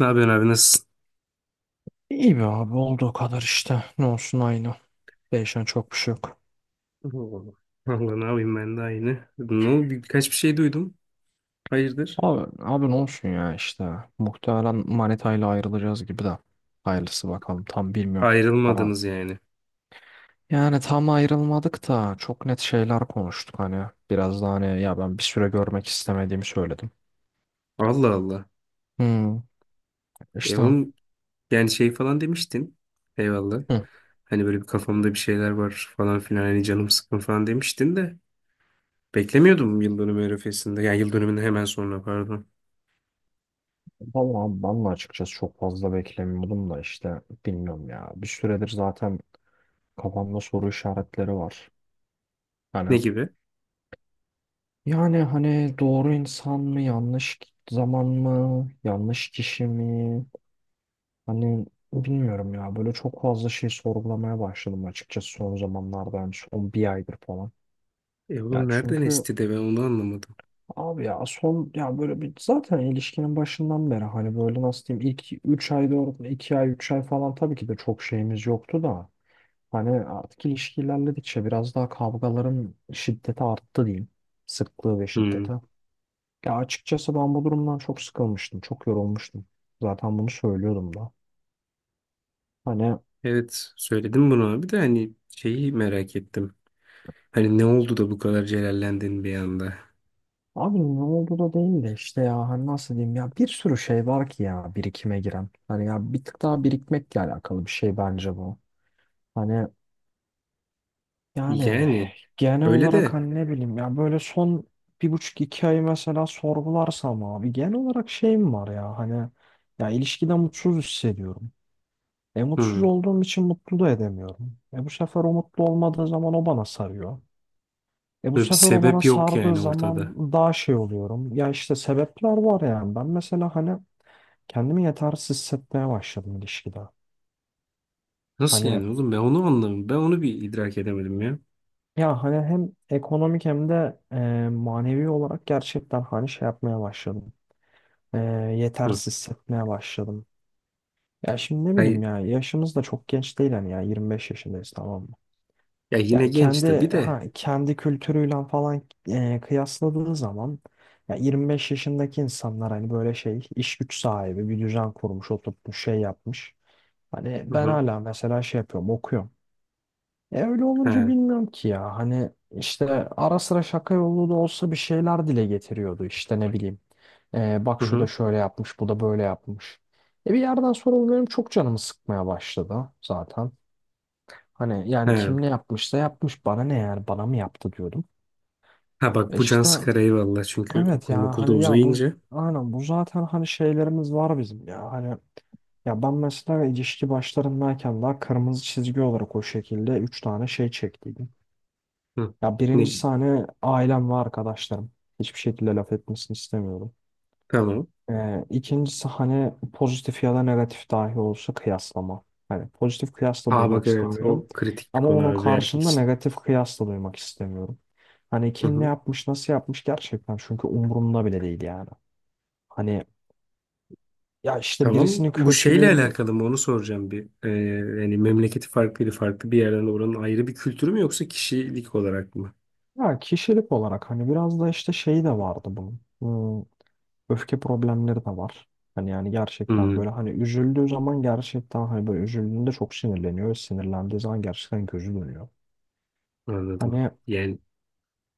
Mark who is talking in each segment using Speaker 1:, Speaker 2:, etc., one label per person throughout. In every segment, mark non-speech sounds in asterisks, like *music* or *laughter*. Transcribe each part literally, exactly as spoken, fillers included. Speaker 1: Ne yapıyorsun abi nasılsın?
Speaker 2: İyi be abi olduğu kadar işte. Ne olsun aynı. Değişen çok bir şey yok.
Speaker 1: *laughs* Oo. Valla ne yapayım ben de aynı. Ne oldu? Birkaç bir şey duydum. Hayırdır?
Speaker 2: Abi, abi ne olsun ya işte. Muhtemelen manitayla ayrılacağız gibi de. Hayırlısı bakalım tam bilmiyorum. Ama
Speaker 1: Ayrılmadınız yani.
Speaker 2: yani tam ayrılmadık da çok net şeyler konuştuk hani. Biraz daha hani ya ben bir süre görmek istemediğimi söyledim.
Speaker 1: Allah Allah.
Speaker 2: Hmm,
Speaker 1: E
Speaker 2: işte.
Speaker 1: oğlum yani şey falan demiştin. Eyvallah.
Speaker 2: Hı.
Speaker 1: Hani böyle bir kafamda bir şeyler var falan filan. Hani canım sıkın falan demiştin de. Beklemiyordum yıl dönümü arifesinde. Yani yıl dönümünden hemen sonra pardon.
Speaker 2: Vallahi ben de açıkçası çok fazla beklemiyordum da işte bilmiyorum ya. Bir süredir zaten kafamda soru işaretleri var.
Speaker 1: Ne
Speaker 2: Hani
Speaker 1: gibi?
Speaker 2: yani hani doğru insan mı, yanlış zaman mı, yanlış kişi mi? Hani bilmiyorum ya. Böyle çok fazla şey sorgulamaya başladım açıkçası son zamanlarda. Yani son bir aydır falan.
Speaker 1: E
Speaker 2: Ya
Speaker 1: oğlum nereden
Speaker 2: çünkü
Speaker 1: esti de ben onu anlamadım.
Speaker 2: abi ya son ya böyle bir zaten ilişkinin başından beri hani böyle nasıl diyeyim ilk üç ay dört iki ay üç ay falan tabii ki de çok şeyimiz yoktu da hani artık ilişki ilerledikçe biraz daha kavgaların şiddeti arttı diyeyim. Sıklığı ve
Speaker 1: Hmm.
Speaker 2: şiddeti. Ya açıkçası ben bu durumdan çok sıkılmıştım. Çok yorulmuştum. Zaten bunu söylüyordum da. Hani
Speaker 1: Evet söyledim bunu abi de hani şeyi merak ettim. Hani ne oldu da bu kadar celallendin bir anda?
Speaker 2: abi ne oldu da değil de işte ya hani nasıl diyeyim ya bir sürü şey var ki ya birikime giren. Hani ya bir tık daha birikmekle alakalı bir şey bence bu. Hani yani
Speaker 1: Yani
Speaker 2: genel
Speaker 1: öyle
Speaker 2: olarak
Speaker 1: de
Speaker 2: hani ne bileyim ya böyle son bir buçuk iki ay mesela sorgularsam abi genel olarak şeyim var ya hani ya ilişkide mutsuz hissediyorum. E mutsuz
Speaker 1: hı,
Speaker 2: olduğum için mutlu da edemiyorum. E bu sefer o mutlu olmadığı zaman o bana sarıyor. E bu
Speaker 1: böyle bir
Speaker 2: sefer o bana
Speaker 1: sebep yok
Speaker 2: sardığı
Speaker 1: yani
Speaker 2: zaman
Speaker 1: ortada.
Speaker 2: daha şey oluyorum. Ya işte sebepler var yani. Ben mesela hani kendimi yetersiz hissetmeye başladım ilişkide.
Speaker 1: Nasıl
Speaker 2: Hani
Speaker 1: yani oğlum ben onu anlamadım. Ben onu bir idrak edemedim ya.
Speaker 2: ya hani hem ekonomik hem de e, manevi olarak gerçekten hani şey yapmaya başladım. E,
Speaker 1: Hı.
Speaker 2: yetersiz hissetmeye başladım. Ya şimdi ne bileyim
Speaker 1: Hayır,
Speaker 2: ya yaşımız da çok genç değil hani ya yirmi beş yaşındayız tamam mı?
Speaker 1: ya yine
Speaker 2: Yani
Speaker 1: genç tabii
Speaker 2: kendi
Speaker 1: de.
Speaker 2: ha, kendi kültürüyle falan e, kıyasladığı zaman ya yirmi beş yaşındaki insanlar hani böyle şey iş güç sahibi bir düzen kurmuş oturtmuş şey yapmış. Hani
Speaker 1: Hı
Speaker 2: ben
Speaker 1: hı.
Speaker 2: hala mesela şey yapıyorum okuyorum. E öyle olunca
Speaker 1: Ha,
Speaker 2: bilmiyorum ki ya hani işte ara sıra şaka yolu da olsa bir şeyler dile getiriyordu işte ne bileyim. E, bak
Speaker 1: hı
Speaker 2: şu da
Speaker 1: hı.
Speaker 2: şöyle yapmış bu da böyle yapmış. E bir yerden sonra bu benim çok canımı sıkmaya başladı zaten. Hani yani
Speaker 1: Ha.
Speaker 2: kim ne yapmışsa yapmış bana ne yani bana mı yaptı diyordum.
Speaker 1: Ha bak
Speaker 2: E
Speaker 1: bu can
Speaker 2: işte
Speaker 1: sıkar eyvallah çünkü
Speaker 2: evet
Speaker 1: okul
Speaker 2: ya
Speaker 1: okulda
Speaker 2: hani ya bu
Speaker 1: uzayınca.
Speaker 2: aynen bu zaten hani şeylerimiz var bizim ya hani ya ben mesela ilişki başlarındayken daha kırmızı çizgi olarak o şekilde üç tane şey çektiydim.
Speaker 1: Hı.
Speaker 2: Ya
Speaker 1: Ne?
Speaker 2: birincisi hani ailem ve arkadaşlarım. Hiçbir şekilde laf etmesini istemiyorum.
Speaker 1: Tamam.
Speaker 2: Ee, ikincisi hani pozitif ya da negatif dahi olsa kıyaslama. Hani pozitif kıyas da
Speaker 1: Ha bak
Speaker 2: duymak
Speaker 1: evet
Speaker 2: istemiyorum.
Speaker 1: o kritik bir
Speaker 2: Ama
Speaker 1: konu
Speaker 2: onun
Speaker 1: abi bir erkek
Speaker 2: karşında
Speaker 1: için.
Speaker 2: negatif kıyas da duymak istemiyorum. Hani
Speaker 1: Hı
Speaker 2: kim ne
Speaker 1: hı.
Speaker 2: yapmış, nasıl yapmış gerçekten çünkü umurumda bile değil yani. Hani ya işte
Speaker 1: Tamam.
Speaker 2: birisinin
Speaker 1: Bu şeyle
Speaker 2: kötülüğü
Speaker 1: alakalı mı onu soracağım bir. Ee, yani memleketi farklıydı farklı bir yerden oranın ayrı bir kültürü mü yoksa kişilik olarak mı?
Speaker 2: ya kişilik olarak hani biraz da işte şeyi de vardı bunun. Hmm, öfke problemleri de var. Hani yani gerçekten
Speaker 1: Hı.
Speaker 2: böyle hani üzüldüğü zaman gerçekten hani böyle üzüldüğünde çok sinirleniyor. Sinirlendiği zaman gerçekten gözü dönüyor.
Speaker 1: Anladım.
Speaker 2: Hani
Speaker 1: Yani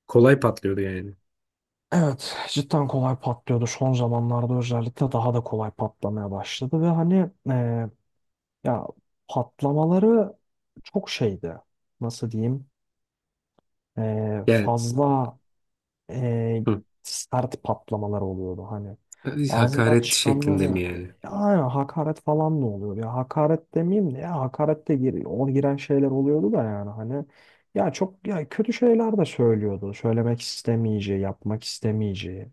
Speaker 1: kolay patlıyordu yani.
Speaker 2: evet, cidden kolay patlıyordu. Son zamanlarda özellikle daha da kolay patlamaya başladı ve hani e, ya patlamaları çok şeydi. Nasıl diyeyim? E,
Speaker 1: Yani
Speaker 2: fazla e,
Speaker 1: hı.
Speaker 2: sert patlamalar oluyordu hani. Ağzından
Speaker 1: Hakaret
Speaker 2: çıkanları
Speaker 1: şeklinde mi yani?
Speaker 2: ya aynen hakaret falan da oluyor. Ya hakaret demeyeyim de ya hakaret de gir, o giren şeyler oluyordu da yani hani ya çok ya kötü şeyler de söylüyordu. Söylemek istemeyeceği, yapmak istemeyeceği.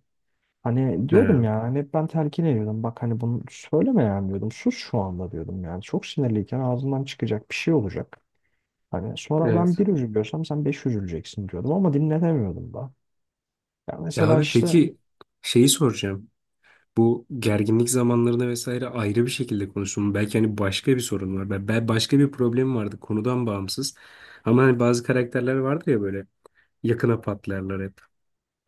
Speaker 2: Hani diyordum
Speaker 1: Ha,
Speaker 2: ya hani hep ben telkin ediyordum. Bak hani bunu söyleme yani diyordum. Sus şu anda diyordum yani. Çok sinirliyken ağzından çıkacak bir şey olacak. Hani sonra
Speaker 1: evet.
Speaker 2: ben bir üzülüyorsam sen beş üzüleceksin diyordum ama dinletemiyordum da. Ya
Speaker 1: Ya
Speaker 2: mesela
Speaker 1: abi
Speaker 2: işte
Speaker 1: peki şeyi soracağım. Bu gerginlik zamanlarında vesaire ayrı bir şekilde konuştum. Belki hani başka bir sorun var. Ben, ben başka bir problem vardı konudan bağımsız. Ama hani bazı karakterler vardır ya böyle yakına patlarlar hep.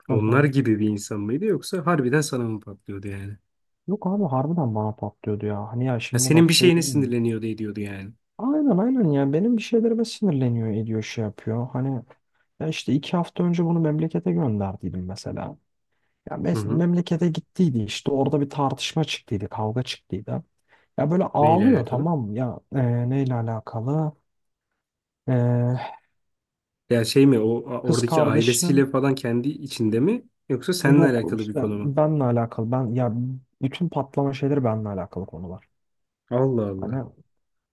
Speaker 2: hı
Speaker 1: Onlar
Speaker 2: hı.
Speaker 1: gibi bir insan mıydı yoksa harbiden sana mı patlıyordu yani?
Speaker 2: Yok abi harbiden bana patlıyordu ya. Hani ya
Speaker 1: Ha,
Speaker 2: şimdi
Speaker 1: senin
Speaker 2: bak
Speaker 1: bir
Speaker 2: şey
Speaker 1: şeyine
Speaker 2: değil mi?
Speaker 1: sinirleniyordu ediyordu yani.
Speaker 2: Aynen aynen ya benim bir şeylerime sinirleniyor ediyor şey yapıyor. Hani ya işte iki hafta önce bunu memlekete gönderdiydim mesela. Ya
Speaker 1: Hı
Speaker 2: mes-
Speaker 1: hı.
Speaker 2: memlekete gittiydi işte orada bir tartışma çıktıydı, kavga çıktıydı. Ya böyle
Speaker 1: Neyle
Speaker 2: ağlıyor
Speaker 1: alakalı?
Speaker 2: tamam mı? Ya e, neyle alakalı? E,
Speaker 1: Ya şey mi o
Speaker 2: kız
Speaker 1: oradaki ailesiyle
Speaker 2: kardeşinin
Speaker 1: falan kendi içinde mi yoksa seninle
Speaker 2: yok
Speaker 1: alakalı bir
Speaker 2: işte
Speaker 1: konu mu?
Speaker 2: benle alakalı. Ben ya bütün patlama şeyleri benle alakalı konular.
Speaker 1: Allah
Speaker 2: Hani
Speaker 1: Allah.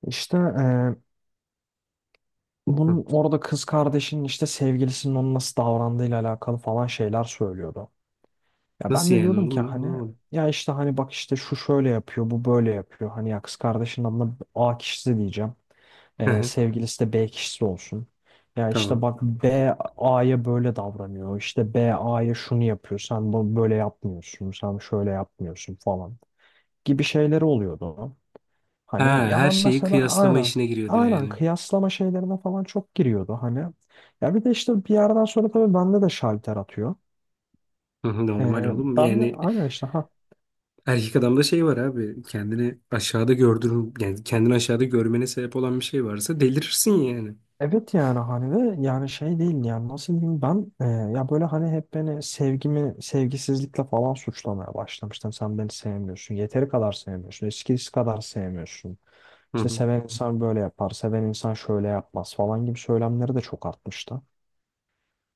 Speaker 2: işte e,
Speaker 1: Hı.
Speaker 2: bunun orada kız kardeşinin işte sevgilisinin onun nasıl davrandığıyla alakalı falan şeyler söylüyordu. Ya ben
Speaker 1: Nasıl
Speaker 2: de
Speaker 1: yani
Speaker 2: diyordum ki
Speaker 1: oğlum ben
Speaker 2: hani
Speaker 1: anlamadım.
Speaker 2: ya işte hani bak işte şu şöyle yapıyor, bu böyle yapıyor. Hani ya kız kardeşinin adına A kişisi diyeceğim.
Speaker 1: Hı
Speaker 2: Ee,
Speaker 1: hı.
Speaker 2: sevgilisi de B kişisi olsun. Ya işte
Speaker 1: Tamam.
Speaker 2: bak B A'ya böyle davranıyor. İşte B A'ya şunu yapıyor. Sen bu böyle yapmıyorsun. Sen şöyle yapmıyorsun falan gibi şeyleri oluyordu.
Speaker 1: Ha,
Speaker 2: Hani ya
Speaker 1: her
Speaker 2: ben
Speaker 1: şeyi
Speaker 2: mesela
Speaker 1: kıyaslama
Speaker 2: aynen
Speaker 1: işine giriyordu
Speaker 2: aynen
Speaker 1: yani.
Speaker 2: kıyaslama şeylerine falan çok giriyordu hani. Ya bir de işte bir yerden sonra tabii bende de şalter atıyor.
Speaker 1: Hı hı. Normal
Speaker 2: Ee,
Speaker 1: oğlum
Speaker 2: ben de
Speaker 1: yani
Speaker 2: aynen işte
Speaker 1: erkek adamda şey var abi kendini aşağıda gördürün yani kendini aşağıda görmene sebep olan bir şey varsa delirirsin yani.
Speaker 2: evet yani hani ve yani şey değil yani nasıl diyeyim ben e, ya böyle hani hep beni sevgimi sevgisizlikle falan suçlamaya başlamıştım. Sen beni sevmiyorsun. Yeteri kadar sevmiyorsun. Eskisi kadar sevmiyorsun.
Speaker 1: Hı
Speaker 2: İşte
Speaker 1: hı.
Speaker 2: seven insan böyle yapar. Seven insan şöyle yapmaz falan gibi söylemleri de çok artmıştı.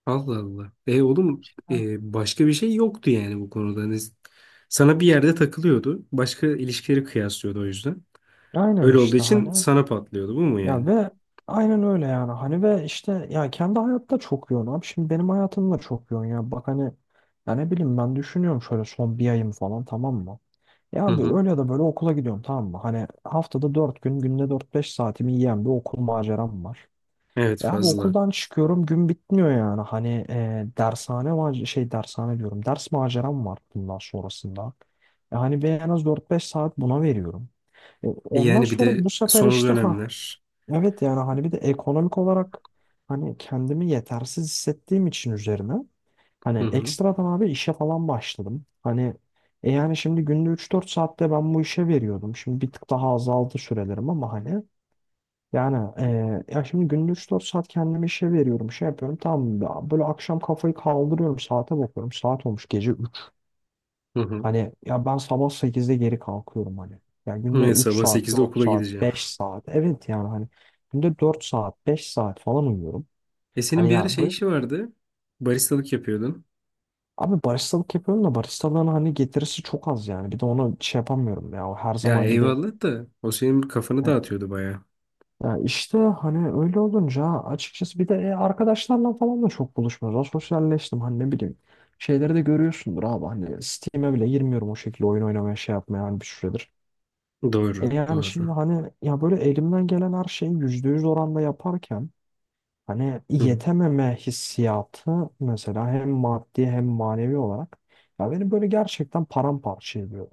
Speaker 1: Allah Allah. E oğlum
Speaker 2: Ha.
Speaker 1: e, başka bir şey yoktu yani bu konuda. Hani sana bir yerde takılıyordu. Başka ilişkileri kıyaslıyordu o yüzden.
Speaker 2: Aynen
Speaker 1: Öyle olduğu
Speaker 2: işte
Speaker 1: için
Speaker 2: hani
Speaker 1: sana patlıyordu bu mu
Speaker 2: ya
Speaker 1: yani?
Speaker 2: ve aynen öyle yani hani ve işte ya kendi hayatta çok yoğun abi şimdi benim hayatım da çok yoğun ya bak hani ya ne bileyim ben düşünüyorum şöyle son bir ayım falan tamam mı? Ya
Speaker 1: Hı
Speaker 2: abi
Speaker 1: hı.
Speaker 2: öyle ya da böyle okula gidiyorum tamam mı? Hani haftada dört gün, günde dört beş saatimi yiyen bir okul maceram var.
Speaker 1: Evet
Speaker 2: Ya abi
Speaker 1: fazla.
Speaker 2: okuldan çıkıyorum gün bitmiyor yani. Hani e, dershane mac- şey dershane diyorum. Ders maceram var bundan sonrasında. Yani ben en az dört beş saat buna veriyorum. E,
Speaker 1: E
Speaker 2: ondan
Speaker 1: yani bir
Speaker 2: sonra
Speaker 1: de
Speaker 2: bu sefer
Speaker 1: son
Speaker 2: işte ha
Speaker 1: dönemler.
Speaker 2: evet yani hani bir de ekonomik olarak hani kendimi yetersiz hissettiğim için üzerine
Speaker 1: Hı
Speaker 2: hani
Speaker 1: hı.
Speaker 2: ekstradan abi işe falan başladım. Hani e yani şimdi günde üç dört saatte ben bu işe veriyordum. Şimdi bir tık daha azaldı sürelerim ama hani yani e, ya şimdi günde üç dört saat kendime işe veriyorum. Şey yapıyorum tamam ya böyle akşam kafayı kaldırıyorum saate bakıyorum. Saat olmuş gece üç.
Speaker 1: Hı hı.
Speaker 2: Hani ya ben sabah sekizde geri kalkıyorum hani. Yani günde
Speaker 1: Evet,
Speaker 2: üç
Speaker 1: sabah
Speaker 2: saat,
Speaker 1: sekizde
Speaker 2: dört
Speaker 1: okula
Speaker 2: saat,
Speaker 1: gideceğim.
Speaker 2: beş saat. Evet yani hani günde dört saat, beş saat falan uyuyorum.
Speaker 1: E senin
Speaker 2: Hani
Speaker 1: bir
Speaker 2: ya
Speaker 1: ara şey işi vardı. Baristalık yapıyordun.
Speaker 2: abi baristalık yapıyorum da baristalığın hani getirisi çok az yani. Bir de ona şey yapamıyorum ya. O her
Speaker 1: Ya
Speaker 2: zaman gidemiyorum.
Speaker 1: eyvallah da o senin kafanı dağıtıyordu bayağı.
Speaker 2: Ya işte hani öyle olunca açıkçası bir de e, arkadaşlarla falan da çok buluşmuyoruz. Az sosyalleştim hani ne bileyim. Şeyleri de görüyorsundur abi hani Steam'e bile girmiyorum o şekilde oyun oynamaya şey yapmaya hani bir süredir. E
Speaker 1: Doğru,
Speaker 2: yani şimdi
Speaker 1: doğru.
Speaker 2: hani ya böyle elimden gelen her şeyi yüzde yüz oranda yaparken hani
Speaker 1: Hı hı.
Speaker 2: yetememe hissiyatı mesela hem maddi hem manevi olarak ya beni böyle gerçekten paramparça ediyor.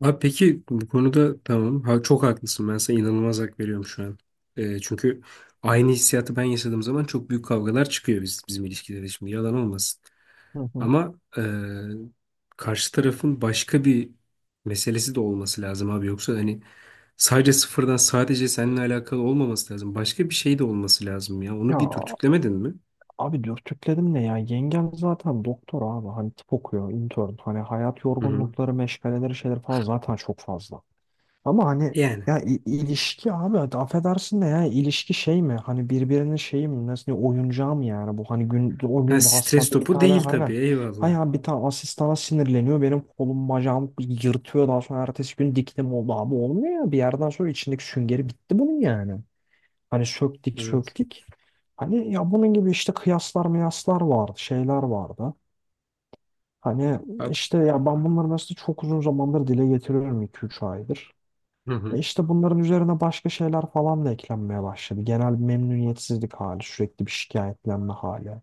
Speaker 1: Abi peki bu konuda tamam. Ha, çok haklısın. Ben sana inanılmaz hak veriyorum şu an. E, çünkü aynı hissiyatı ben yaşadığım zaman çok büyük kavgalar çıkıyor biz, bizim ilişkilerde şimdi. Yalan olmasın.
Speaker 2: Hı hı.
Speaker 1: Ama eee, karşı tarafın başka bir meselesi de olması lazım abi. Yoksa hani sadece sıfırdan sadece seninle alakalı olmaması lazım. Başka bir şey de olması lazım ya. Onu bir
Speaker 2: Ya
Speaker 1: dürtüklemedin mi?
Speaker 2: abi dürtükledim ne ya? Yengem zaten doktor abi. Hani tıp okuyor, intern. Hani hayat
Speaker 1: Hı hı.
Speaker 2: yorgunlukları, meşgaleleri, şeyler falan zaten çok fazla. Ama hani
Speaker 1: Yani.
Speaker 2: ya i- ilişki abi hadi affedersin de ya ilişki şey mi? Hani birbirinin şeyi mi? Nasıl diyeyim, oyuncağı mı yani? Bu hani gün, o
Speaker 1: Ha,
Speaker 2: gün de
Speaker 1: stres
Speaker 2: hastanede bir
Speaker 1: topu
Speaker 2: tane
Speaker 1: değil
Speaker 2: aynen.
Speaker 1: tabii. Eyvallah.
Speaker 2: Hayır bir tane asistana sinirleniyor. Benim kolum bacağım yırtıyor. Daha sonra ertesi gün diktim oldu abi. Olmuyor ya. Bir yerden sonra içindeki süngeri bitti bunun yani. Hani söktük
Speaker 1: Evet.
Speaker 2: söktük. Hani ya bunun gibi işte kıyaslar miyaslar vardı, şeyler vardı. Hani
Speaker 1: Abi-
Speaker 2: işte ya ben bunları mesela çok uzun zamandır dile getiriyorum iki üç aydır.
Speaker 1: Hı
Speaker 2: E
Speaker 1: hı.
Speaker 2: işte bunların üzerine başka şeyler falan da eklenmeye başladı. Genel bir memnuniyetsizlik hali, sürekli bir şikayetlenme hali.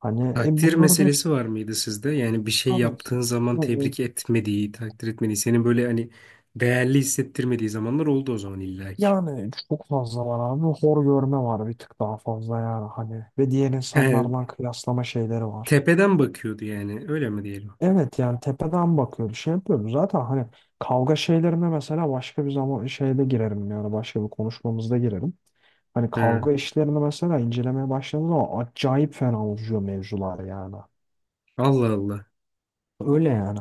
Speaker 2: Hani e
Speaker 1: Takdir
Speaker 2: bunların hepsi
Speaker 1: meselesi var mıydı sizde? Yani bir şey
Speaker 2: abi
Speaker 1: yaptığın zaman
Speaker 2: bu-
Speaker 1: tebrik etmediği, takdir etmediği, senin böyle hani değerli hissettirmediği zamanlar oldu o zaman illaki.
Speaker 2: yani çok fazla var abi. Hor görme var bir tık daha fazla yani hani. Ve diğer
Speaker 1: He,
Speaker 2: insanlarla kıyaslama şeyleri var.
Speaker 1: tepeden bakıyordu yani. Öyle mi diyelim?
Speaker 2: Evet yani tepeden bakıyoruz şey yapıyoruz zaten hani kavga şeylerine mesela başka bir zaman şeyde girerim yani başka bir konuşmamızda girerim. Hani
Speaker 1: He.
Speaker 2: kavga işlerini mesela incelemeye başladığım zaman acayip fena uzuyor mevzular yani.
Speaker 1: Allah Allah.
Speaker 2: Öyle yani.